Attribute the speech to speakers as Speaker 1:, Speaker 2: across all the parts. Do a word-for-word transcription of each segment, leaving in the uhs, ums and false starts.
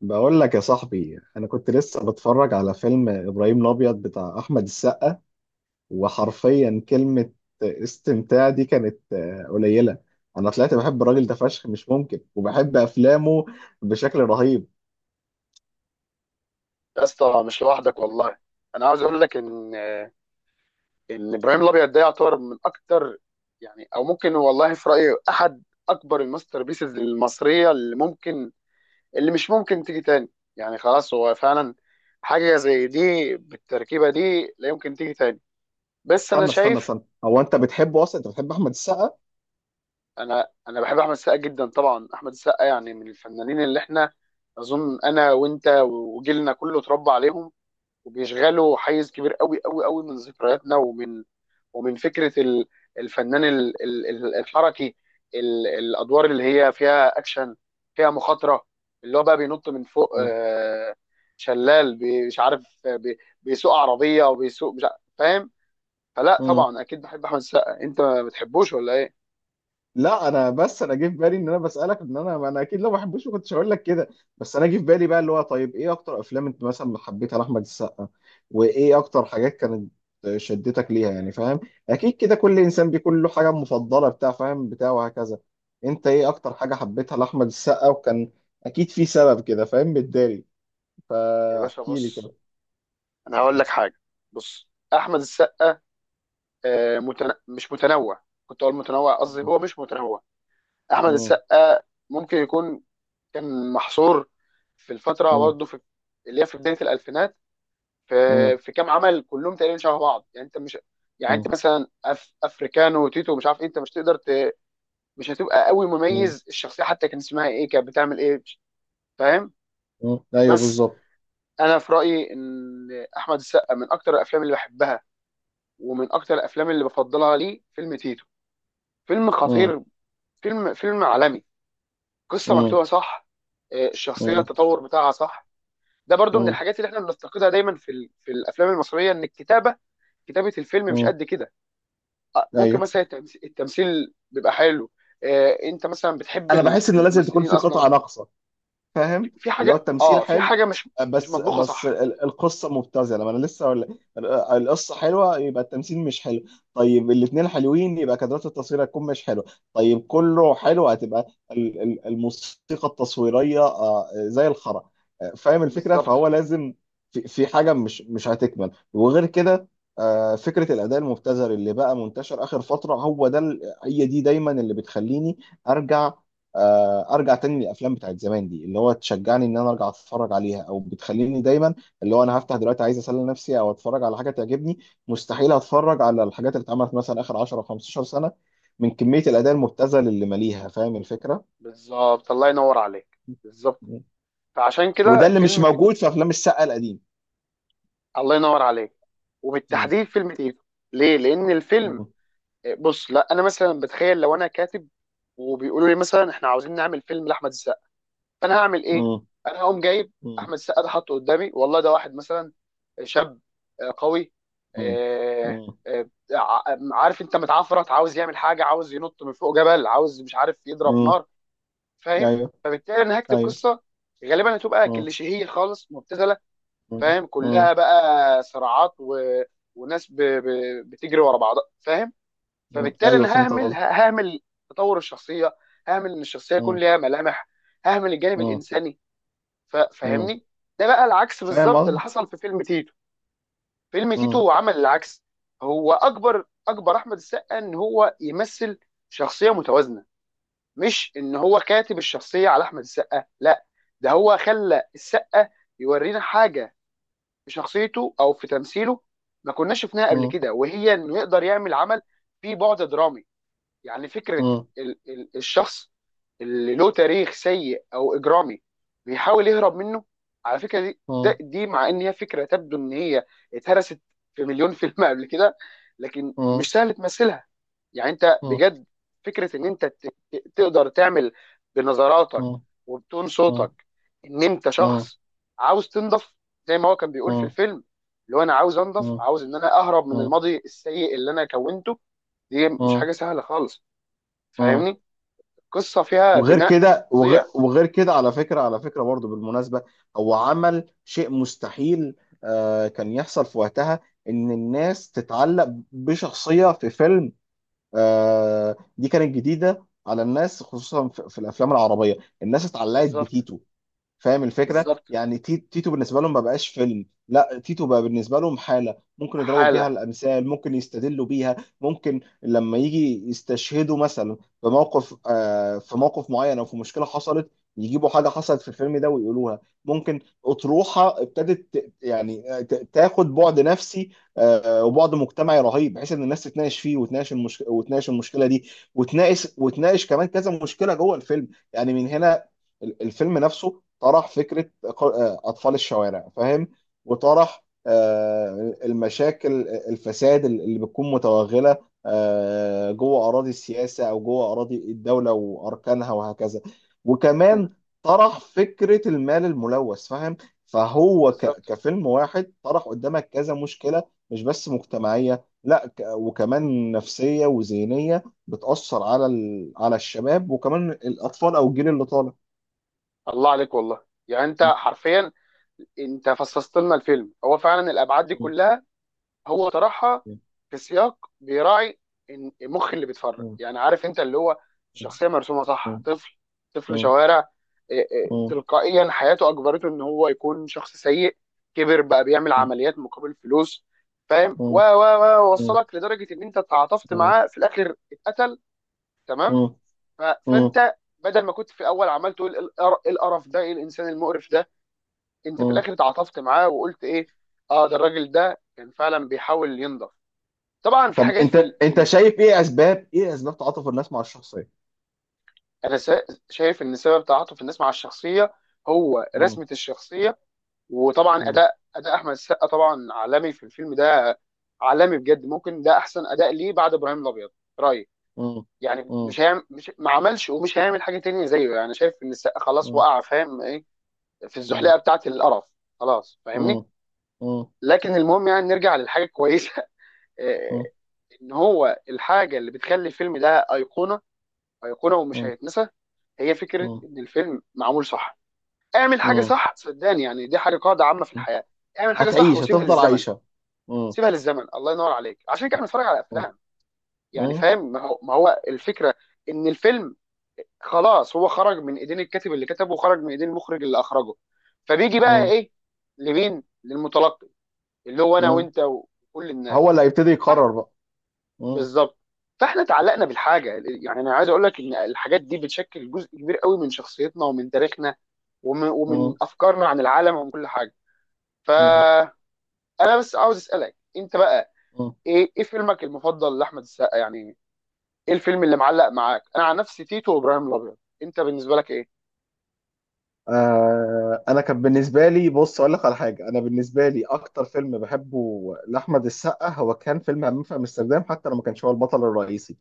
Speaker 1: بقول لك يا صاحبي، انا كنت لسه بتفرج على فيلم ابراهيم الابيض بتاع احمد السقا. وحرفيا كلمة استمتاع دي كانت آه، قليلة. انا طلعت بحب الراجل ده فشخ، مش ممكن، وبحب افلامه بشكل رهيب.
Speaker 2: يا اسطى، مش لوحدك والله. انا عاوز اقول لك ان ان ابراهيم الابيض ده يعتبر من اكتر، يعني او ممكن والله في رايي احد اكبر الماستر بيسز المصريه اللي ممكن، اللي مش ممكن تيجي تاني. يعني خلاص، هو فعلا حاجه زي دي بالتركيبه دي لا يمكن تيجي تاني. بس انا
Speaker 1: استنى استنى
Speaker 2: شايف
Speaker 1: استنى هو انت بتحبه اصلا؟ انت بتحب احمد السقا؟
Speaker 2: انا انا بحب احمد السقا جدا طبعا. احمد السقا يعني من الفنانين اللي احنا، اظن انا وانت وجيلنا كله، اتربى عليهم وبيشغلوا حيز كبير قوي قوي قوي من ذكرياتنا ومن ومن فكره ال- الفنان ال- ال- ال- الحركي، ال- الادوار اللي هي فيها اكشن، فيها مخاطره، اللي هو بقى بينط من فوق آه، شلال، بي- مش عارف، آه، بي- بيسوق عربيه وبيسوق مش عارف، فاهم؟ فلا
Speaker 1: مم.
Speaker 2: طبعا اكيد بحب احمد السقا. انت ما بتحبوش ولا ايه؟
Speaker 1: لا انا بس انا جه في بالي ان انا بسالك، ان انا انا اكيد لو ما بحبوش ما كنتش هقول لك كده. بس انا جه في بالي بقى، اللي هو طيب، ايه اكتر افلام انت مثلا حبيتها لاحمد السقا؟ وايه اكتر حاجات كانت شدتك ليها؟ يعني فاهم، اكيد كده كل انسان بيكون له حاجه مفضله بتاع، فاهم، بتاع وهكذا. انت ايه اكتر حاجه حبيتها لاحمد السقا؟ وكان اكيد في سبب كده، فاهم متداري،
Speaker 2: يا باشا
Speaker 1: فاحكي لي
Speaker 2: بص،
Speaker 1: كده.
Speaker 2: انا هقول لك حاجه. بص احمد السقا آه، متن... مش متنوع. كنت اقول متنوع، قصدي هو مش متنوع. احمد
Speaker 1: مم.
Speaker 2: السقا ممكن يكون كان محصور في الفتره،
Speaker 1: مم.
Speaker 2: برضه في، اللي هي في بدايه الالفينات، في
Speaker 1: مم.
Speaker 2: في كام عمل كلهم تقريبا شبه بعض. يعني انت مش، يعني انت
Speaker 1: مم.
Speaker 2: مثلا أف... افريكانو وتيتو مش عارف ايه، انت مش تقدر ت...، مش هتبقى قوي
Speaker 1: مم.
Speaker 2: مميز الشخصيه، حتى كان اسمها ايه كانت بتعمل ايه مش- فاهم؟
Speaker 1: مم. ايوه
Speaker 2: بس
Speaker 1: بالظبط.
Speaker 2: انا في رايي ان احمد السقا من اكتر الافلام اللي بحبها ومن اكتر الافلام اللي بفضلها ليه فيلم تيتو. فيلم
Speaker 1: مم.
Speaker 2: خطير، فيلم فيلم عالمي، قصه
Speaker 1: مم.
Speaker 2: مكتوبه صح، آه، الشخصيه
Speaker 1: مم.
Speaker 2: التطور بتاعها صح. ده برضو من
Speaker 1: مم.
Speaker 2: الحاجات اللي احنا بنفتقدها دايما في ال- في الافلام المصريه، ان الكتابه، كتابه الفيلم، مش
Speaker 1: مم.
Speaker 2: قد كده. آه، ممكن
Speaker 1: ايوه.
Speaker 2: مثلا التمس- التمثيل بيبقى حلو، آه، انت مثلا بتحب
Speaker 1: انا
Speaker 2: ال-
Speaker 1: بحس ان لازم تكون
Speaker 2: الممثلين
Speaker 1: في
Speaker 2: اصلا،
Speaker 1: قطعه ناقصه، فاهم.
Speaker 2: في
Speaker 1: اللي هو
Speaker 2: حاجه،
Speaker 1: التمثيل
Speaker 2: اه في
Speaker 1: حلو
Speaker 2: حاجه مش مش
Speaker 1: بس
Speaker 2: مطبوخه
Speaker 1: بس
Speaker 2: صح.
Speaker 1: ال- القصه مبتذله، ما انا لسه ولا. القصه حلوه، يبقى التمثيل مش حلو. طيب الاثنين حلوين، يبقى كادرات التصوير هتكون مش حلوه. طيب كله حلو، هتبقى ال- ال- الموسيقى التصويريه آه، زي الخرا. آه، فاهم الفكره؟ فهو
Speaker 2: بالظبط.
Speaker 1: لازم في في حاجه مش مش هتكمل، وغير كده آه، فكره الاداء المبتذل اللي بقى منتشر اخر فتره، هو ده ال-، هي دي دايما اللي بتخليني ارجع. آه، ارجع تاني للافلام بتاعت زمان دي، اللي هو تشجعني ان انا ارجع اتفرج عليها، او بتخليني دايما اللي هو انا هفتح دلوقتي عايز اسلي نفسي او اتفرج على حاجه تعجبني، مستحيل اتفرج على الحاجات اللي اتعملت مثلا اخر عشرة او خمسة عشر سنه، من كميه الاداء المبتذل اللي ماليها. فاهم الفكره؟
Speaker 2: بالظبط، الله ينور عليك، بالظبط.
Speaker 1: م.
Speaker 2: فعشان
Speaker 1: وده
Speaker 2: كده
Speaker 1: اللي مش
Speaker 2: فيلم تيتو.
Speaker 1: موجود في افلام السقا القديم.
Speaker 2: الله ينور عليك،
Speaker 1: م.
Speaker 2: وبالتحديد فيلم تيتو. ليه؟ لان الفيلم
Speaker 1: م.
Speaker 2: آه، بص، لا، انا مثلا بتخيل لو انا كاتب وبيقولوا لي مثلا احنا عاوزين نعمل فيلم لاحمد، انا هعمل ايه؟
Speaker 1: م.
Speaker 2: انا هقوم جايب
Speaker 1: م.
Speaker 2: احمد السقا ده، حاطه قدامي والله، ده واحد مثلا شاب، آه، قوي،
Speaker 1: م.
Speaker 2: آه،
Speaker 1: م.
Speaker 2: آه، آه، ع- عارف انت، متعفرت، عاوز يعمل حاجه، عاوز ينط من فوق جبل، عاوز مش عارف يضرب
Speaker 1: م.
Speaker 2: نار، فاهم؟
Speaker 1: ايوه،
Speaker 2: فبالتالي انا هكتب
Speaker 1: ايوه.
Speaker 2: قصه غالبا هتبقى
Speaker 1: م.
Speaker 2: كليشيهيه خالص مبتذله،
Speaker 1: م.
Speaker 2: فاهم؟
Speaker 1: م.
Speaker 2: كلها بقى صراعات و...، وناس ب... ب... بتجري ورا بعضها، فاهم؟
Speaker 1: م.
Speaker 2: فبالتالي
Speaker 1: ايوه
Speaker 2: انا
Speaker 1: فهمت
Speaker 2: ههمل
Speaker 1: قصدي.
Speaker 2: ههمل تطور الشخصيه، ههمل ان الشخصيه يكون ليها ملامح، ههمل الجانب الانساني، ف- فاهمني؟ ده بقى العكس
Speaker 1: فاهم
Speaker 2: بالظبط اللي
Speaker 1: قصدك.
Speaker 2: حصل في فيلم تيتو. فيلم
Speaker 1: م.
Speaker 2: تيتو عمل العكس. هو اكبر اكبر احمد السقا ان هو يمثل شخصيه متوازنه، مش ان هو كاتب الشخصيه على احمد السقا، لا، ده هو خلى السقا يورينا حاجه في شخصيته او في تمثيله ما كناش شفناها قبل
Speaker 1: اه.
Speaker 2: كده، وهي انه يقدر يعمل عمل فيه بعد درامي. يعني فكره
Speaker 1: اه.
Speaker 2: ال ال الشخص اللي له تاريخ سيء او اجرامي بيحاول يهرب منه. على فكره دي، ده-
Speaker 1: اه.
Speaker 2: دي مع ان هي فكره تبدو ان هي اتهرست في مليون فيلم قبل كده، لكن مش
Speaker 1: اه.
Speaker 2: سهل تمثلها. يعني انت
Speaker 1: اه.
Speaker 2: بجد، فكره ان انت ت- ت- تقدر تعمل بنظراتك
Speaker 1: اه.
Speaker 2: وبتون
Speaker 1: اه.
Speaker 2: صوتك ان انت
Speaker 1: اه.
Speaker 2: شخص عاوز تنضف، زي ما هو كان بيقول في
Speaker 1: اه.
Speaker 2: الفيلم، اللي هو انا عاوز انضف،
Speaker 1: اه.
Speaker 2: عاوز ان انا اهرب من
Speaker 1: اه.
Speaker 2: الماضي السيء اللي انا كونته. دي مش
Speaker 1: اه.
Speaker 2: حاجه سهله خالص،
Speaker 1: اه.
Speaker 2: فاهمني؟ القصه فيها
Speaker 1: وغير
Speaker 2: بناء
Speaker 1: كده، وغير,
Speaker 2: فظيع.
Speaker 1: وغير كده على فكرة، على فكرة برضو بالمناسبة، هو عمل شيء مستحيل آه كان يحصل في وقتها، ان الناس تتعلق بشخصية في فيلم. آه دي كانت جديدة على الناس، خصوصا في, في الافلام العربية. الناس اتعلقت
Speaker 2: بالظبط.
Speaker 1: بتيتو. فاهم الفكره؟
Speaker 2: بالظبط،
Speaker 1: يعني تي- تيتو بالنسبه لهم ما بقاش فيلم، لا، تيتو بقى بالنسبه لهم حاله، ممكن يضربوا بيها
Speaker 2: حاله.
Speaker 1: الامثال، ممكن يستدلوا بيها، ممكن لما يجي يستشهدوا مثلا في موقف، آه، في موقف معين او في مشكله حصلت، يجيبوا حاجه حصلت في الفيلم ده ويقولوها. ممكن اطروحه ابتدت ت- يعني آه، ت- تاخد بعد نفسي آه، وبعد مجتمعي رهيب، بحيث ان الناس تتناقش فيه، وتناقش المشكله، وتناقش المشكله دي، وتناقش، وتناقش كمان كذا مشكله جوه الفيلم. يعني من هنا ال- الفيلم نفسه طرح فكرة ق- آه، أطفال الشوارع، فاهم. وطرح آه، المشاكل، الفساد اللي بتكون متوغلة آه، جوه أراضي السياسة، أو جوه أراضي الدولة وأركانها وهكذا، وكمان
Speaker 2: مم.
Speaker 1: طرح فكرة المال الملوث، فاهم. فهو ك-
Speaker 2: بالظبط،
Speaker 1: كفيلم واحد طرح قدامك كذا مشكلة، مش بس مجتمعية، لا، ك- وكمان نفسية وذهنية، بتأثر على ال- على الشباب وكمان الأطفال أو الجيل اللي طالع.
Speaker 2: الله عليك والله. يعني انت حرفيا انت فصصت لنا الفيلم. هو فعلا الابعاد دي
Speaker 1: مم.
Speaker 2: كلها هو طرحها
Speaker 1: مم.
Speaker 2: في سياق بيراعي إن- المخ اللي بيتفرج،
Speaker 1: مم.
Speaker 2: يعني عارف انت اللي هو الشخصيه مرسومه صح،
Speaker 1: مم.
Speaker 2: طفل، طفل
Speaker 1: مم.
Speaker 2: شوارع، إيه إيه،
Speaker 1: مم.
Speaker 2: تلقائيا حياته اجبرته ان هو يكون شخص سيء، كبر بقى بيعمل
Speaker 1: مم.
Speaker 2: عمليات مقابل فلوس، فاهم؟ و
Speaker 1: مم.
Speaker 2: و و
Speaker 1: مم.
Speaker 2: وصلك لدرجه ان انت تعاطفت معاه في الاخر اتقتل. تمام؟
Speaker 1: مم.
Speaker 2: ف...
Speaker 1: مم.
Speaker 2: فانت بدل ما كنت في الاول عمال تقول إيه القر- إيه القرف ده، ايه الانسان المقرف ده، انت في
Speaker 1: مم.
Speaker 2: الاخر اتعاطفت معاه وقلت ايه، اه ده الراجل ده كان فعلا بيحاول ينضف. طبعا في
Speaker 1: طب
Speaker 2: حاجات
Speaker 1: انت،
Speaker 2: في ال... في
Speaker 1: انت
Speaker 2: ال...،
Speaker 1: شايف ايه اسباب، ايه اسباب تعاطف الناس مع الشخصيه؟
Speaker 2: انا سا- شايف ان سبب تعاطف الناس مع الشخصيه هو
Speaker 1: مم.
Speaker 2: رسمه الشخصيه. وطبعا
Speaker 1: مم.
Speaker 2: اداء اداء احمد السقا طبعا عالمي في الفيلم ده، عالمي بجد، ممكن ده احسن اداء ليه بعد ابراهيم الابيض، رايي.
Speaker 1: مم.
Speaker 2: يعني
Speaker 1: مم.
Speaker 2: مش هيعمل، مش ما عملش ومش هيعمل حاجه تانية زيه، يعني شايف ان السقا خلاص
Speaker 1: مم.
Speaker 2: وقع، فاهم ايه، في
Speaker 1: مم.
Speaker 2: الزحليقه بتاعه القرف، خلاص،
Speaker 1: مم.
Speaker 2: فاهمني؟
Speaker 1: مم.
Speaker 2: لكن المهم، يعني نرجع للحاجه الكويسه آه،
Speaker 1: مم.
Speaker 2: ان هو الحاجه اللي بتخلي الفيلم ده ايقونه، ايقونه ومش
Speaker 1: مم.
Speaker 2: هيتنسى، هي فكره ان الفيلم معمول صح. اعمل حاجه
Speaker 1: مم.
Speaker 2: صح، صدقني، يعني دي حاجه قاعده عامه في
Speaker 1: مم.
Speaker 2: الحياه، اعمل حاجه صح
Speaker 1: هتعيش،
Speaker 2: وسيبها
Speaker 1: هتفضل
Speaker 2: للزمن.
Speaker 1: عايشه. مم.
Speaker 2: سيبها للزمن، الله ينور عليك، عشان كده بنتفرج على
Speaker 1: مم.
Speaker 2: افلام. يعني
Speaker 1: مم.
Speaker 2: فاهم، ما هو ما هو الفكره ان الفيلم خلاص هو خرج من ايدين الكاتب اللي كتبه وخرج من ايدين المخرج اللي اخرجه، فبيجي بقى
Speaker 1: مم.
Speaker 2: ايه، لمين؟ للمتلقي، اللي هو انا
Speaker 1: مم.
Speaker 2: وانت وكل
Speaker 1: هو
Speaker 2: الناس.
Speaker 1: اللي هيبتدي
Speaker 2: صح،
Speaker 1: يقرر بقى. مم.
Speaker 2: بالظبط. فاحنا اتعلقنا بالحاجه، يعني انا عايز اقول لك ان الحاجات دي بتشكل جزء كبير قوي من شخصيتنا ومن تاريخنا ومن, ومن افكارنا عن العالم ومن كل حاجه.
Speaker 1: مم.
Speaker 2: فانا بس عاوز اسالك انت بقى،
Speaker 1: مم.
Speaker 2: ايه ايه فيلمك المفضل لاحمد السقا؟ يعني ايه الفيلم اللي معلق معاك؟ انا عن نفسي تيتو وابراهيم الابيض، انت بالنسبه لك ايه؟
Speaker 1: آه، انا كان بالنسبه لي، بص اقول لك على حاجه، انا بالنسبه لي اكتر فيلم بحبه لاحمد السقا هو كان فيلم همام في امستردام، حتى لو ما كانش هو البطل الرئيسي.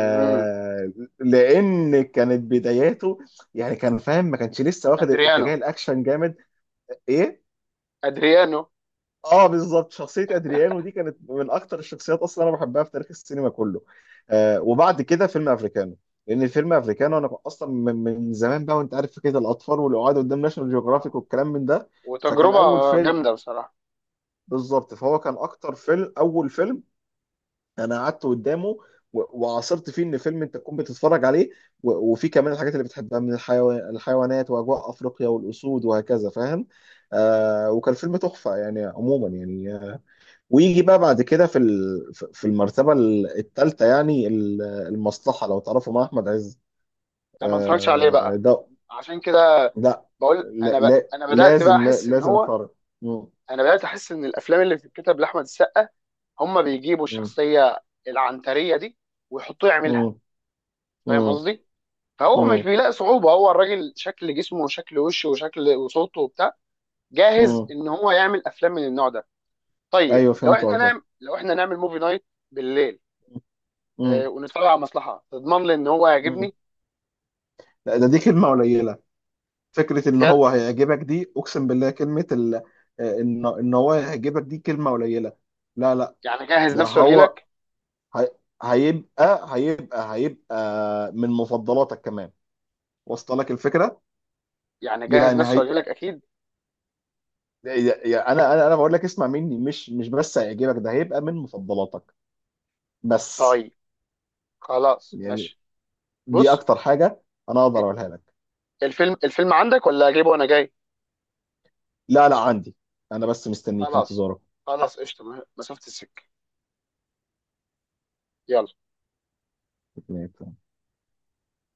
Speaker 2: امم،
Speaker 1: لان كانت بداياته، يعني كان، فاهم، ما كانش لسه واخد
Speaker 2: ادريانو،
Speaker 1: اتجاه الاكشن جامد. ايه؟
Speaker 2: ادريانو.
Speaker 1: اه بالظبط، شخصية ادريانو دي كانت من اكتر الشخصيات اصلا انا بحبها في تاريخ السينما كله. آه، وبعد كده فيلم افريكانو، لان الفيلم افريكانو انا اصلا من, من زمان بقى، وانت عارف فكرة الاطفال والقعاد قدام ناشونال
Speaker 2: اه،
Speaker 1: جيوغرافيك والكلام من ده. فكان
Speaker 2: وتجربه
Speaker 1: اول فيلم.
Speaker 2: جامده بصراحه.
Speaker 1: بالظبط، فهو كان اكتر فيلم، اول فيلم انا قعدت قدامه و- وعاصرت فيه ان فيلم انت تكون بتتفرج عليه، و- وفي كمان الحاجات اللي بتحبها من الحيوان، الحيوانات، واجواء افريقيا والاسود وهكذا، فاهم. آه، وكان فيلم تحفة يعني، عموما يعني. ويجي بقى بعد كده في ال- في المرتبة الثالثة يعني ال- المصلحة، لو تعرفوا، مع أحمد عز.
Speaker 2: انا ما اتفرجتش عليه
Speaker 1: آه،
Speaker 2: بقى،
Speaker 1: ده.
Speaker 2: عشان كده
Speaker 1: لا،
Speaker 2: بقول
Speaker 1: لا
Speaker 2: انا ب...
Speaker 1: لا-
Speaker 2: انا بدات بقى
Speaker 1: لازم، لا
Speaker 2: احس ان
Speaker 1: لازم
Speaker 2: هو،
Speaker 1: فرق. مم،
Speaker 2: انا بدات احس ان الافلام اللي بتتكتب لاحمد السقا، هم بيجيبوا
Speaker 1: مم،
Speaker 2: الشخصيه العنتريه دي ويحطوه يعملها،
Speaker 1: مم،
Speaker 2: فاهم
Speaker 1: مم،
Speaker 2: قصدي؟ فهو مش
Speaker 1: مم،
Speaker 2: بيلاقي صعوبه، هو الراجل شكل جسمه وشكل وشه وشكل وصوته وبتاع، جاهز
Speaker 1: مم.
Speaker 2: ان هو يعمل افلام من النوع ده. طيب
Speaker 1: أيوه
Speaker 2: لو
Speaker 1: فهمت
Speaker 2: احنا
Speaker 1: قصدك.
Speaker 2: نعمل، لو احنا نعمل موفي نايت بالليل، آه،
Speaker 1: مم،
Speaker 2: ونتفرج على مصلحه تضمن لي ان هو
Speaker 1: مم.
Speaker 2: يعجبني
Speaker 1: لا، ده دي كلمة قليلة. فكرة إن
Speaker 2: بجد؟
Speaker 1: هو هيعجبك دي، أقسم بالله، كلمة ال... آه، إن إن هو هيعجبك دي كلمة قليلة. لا لا
Speaker 2: يعني جهز
Speaker 1: ده
Speaker 2: نفسه واجي
Speaker 1: هو،
Speaker 2: لك.
Speaker 1: هي-، هيبقى هيبقى هيبقى من مفضلاتك كمان، وصل لك الفكره؟
Speaker 2: يعني جهز
Speaker 1: يعني
Speaker 2: نفسه
Speaker 1: هي...
Speaker 2: واجي لك اكيد.
Speaker 1: يعني انا انا انا بقول لك اسمع مني، مش مش بس هيعجبك، ده هيبقى من مفضلاتك. بس
Speaker 2: طيب خلاص،
Speaker 1: يعني
Speaker 2: ماشي.
Speaker 1: دي
Speaker 2: بص،
Speaker 1: اكتر حاجه انا اقدر اقولها لك.
Speaker 2: الفيلم الفيلم عندك ولا اجيبه وانا جاي؟
Speaker 1: لا لا عندي. انا بس مستنيك في
Speaker 2: خلاص، خلاص، قشطه، مسافه السكه، يلا.
Speaker 1: انتظارك.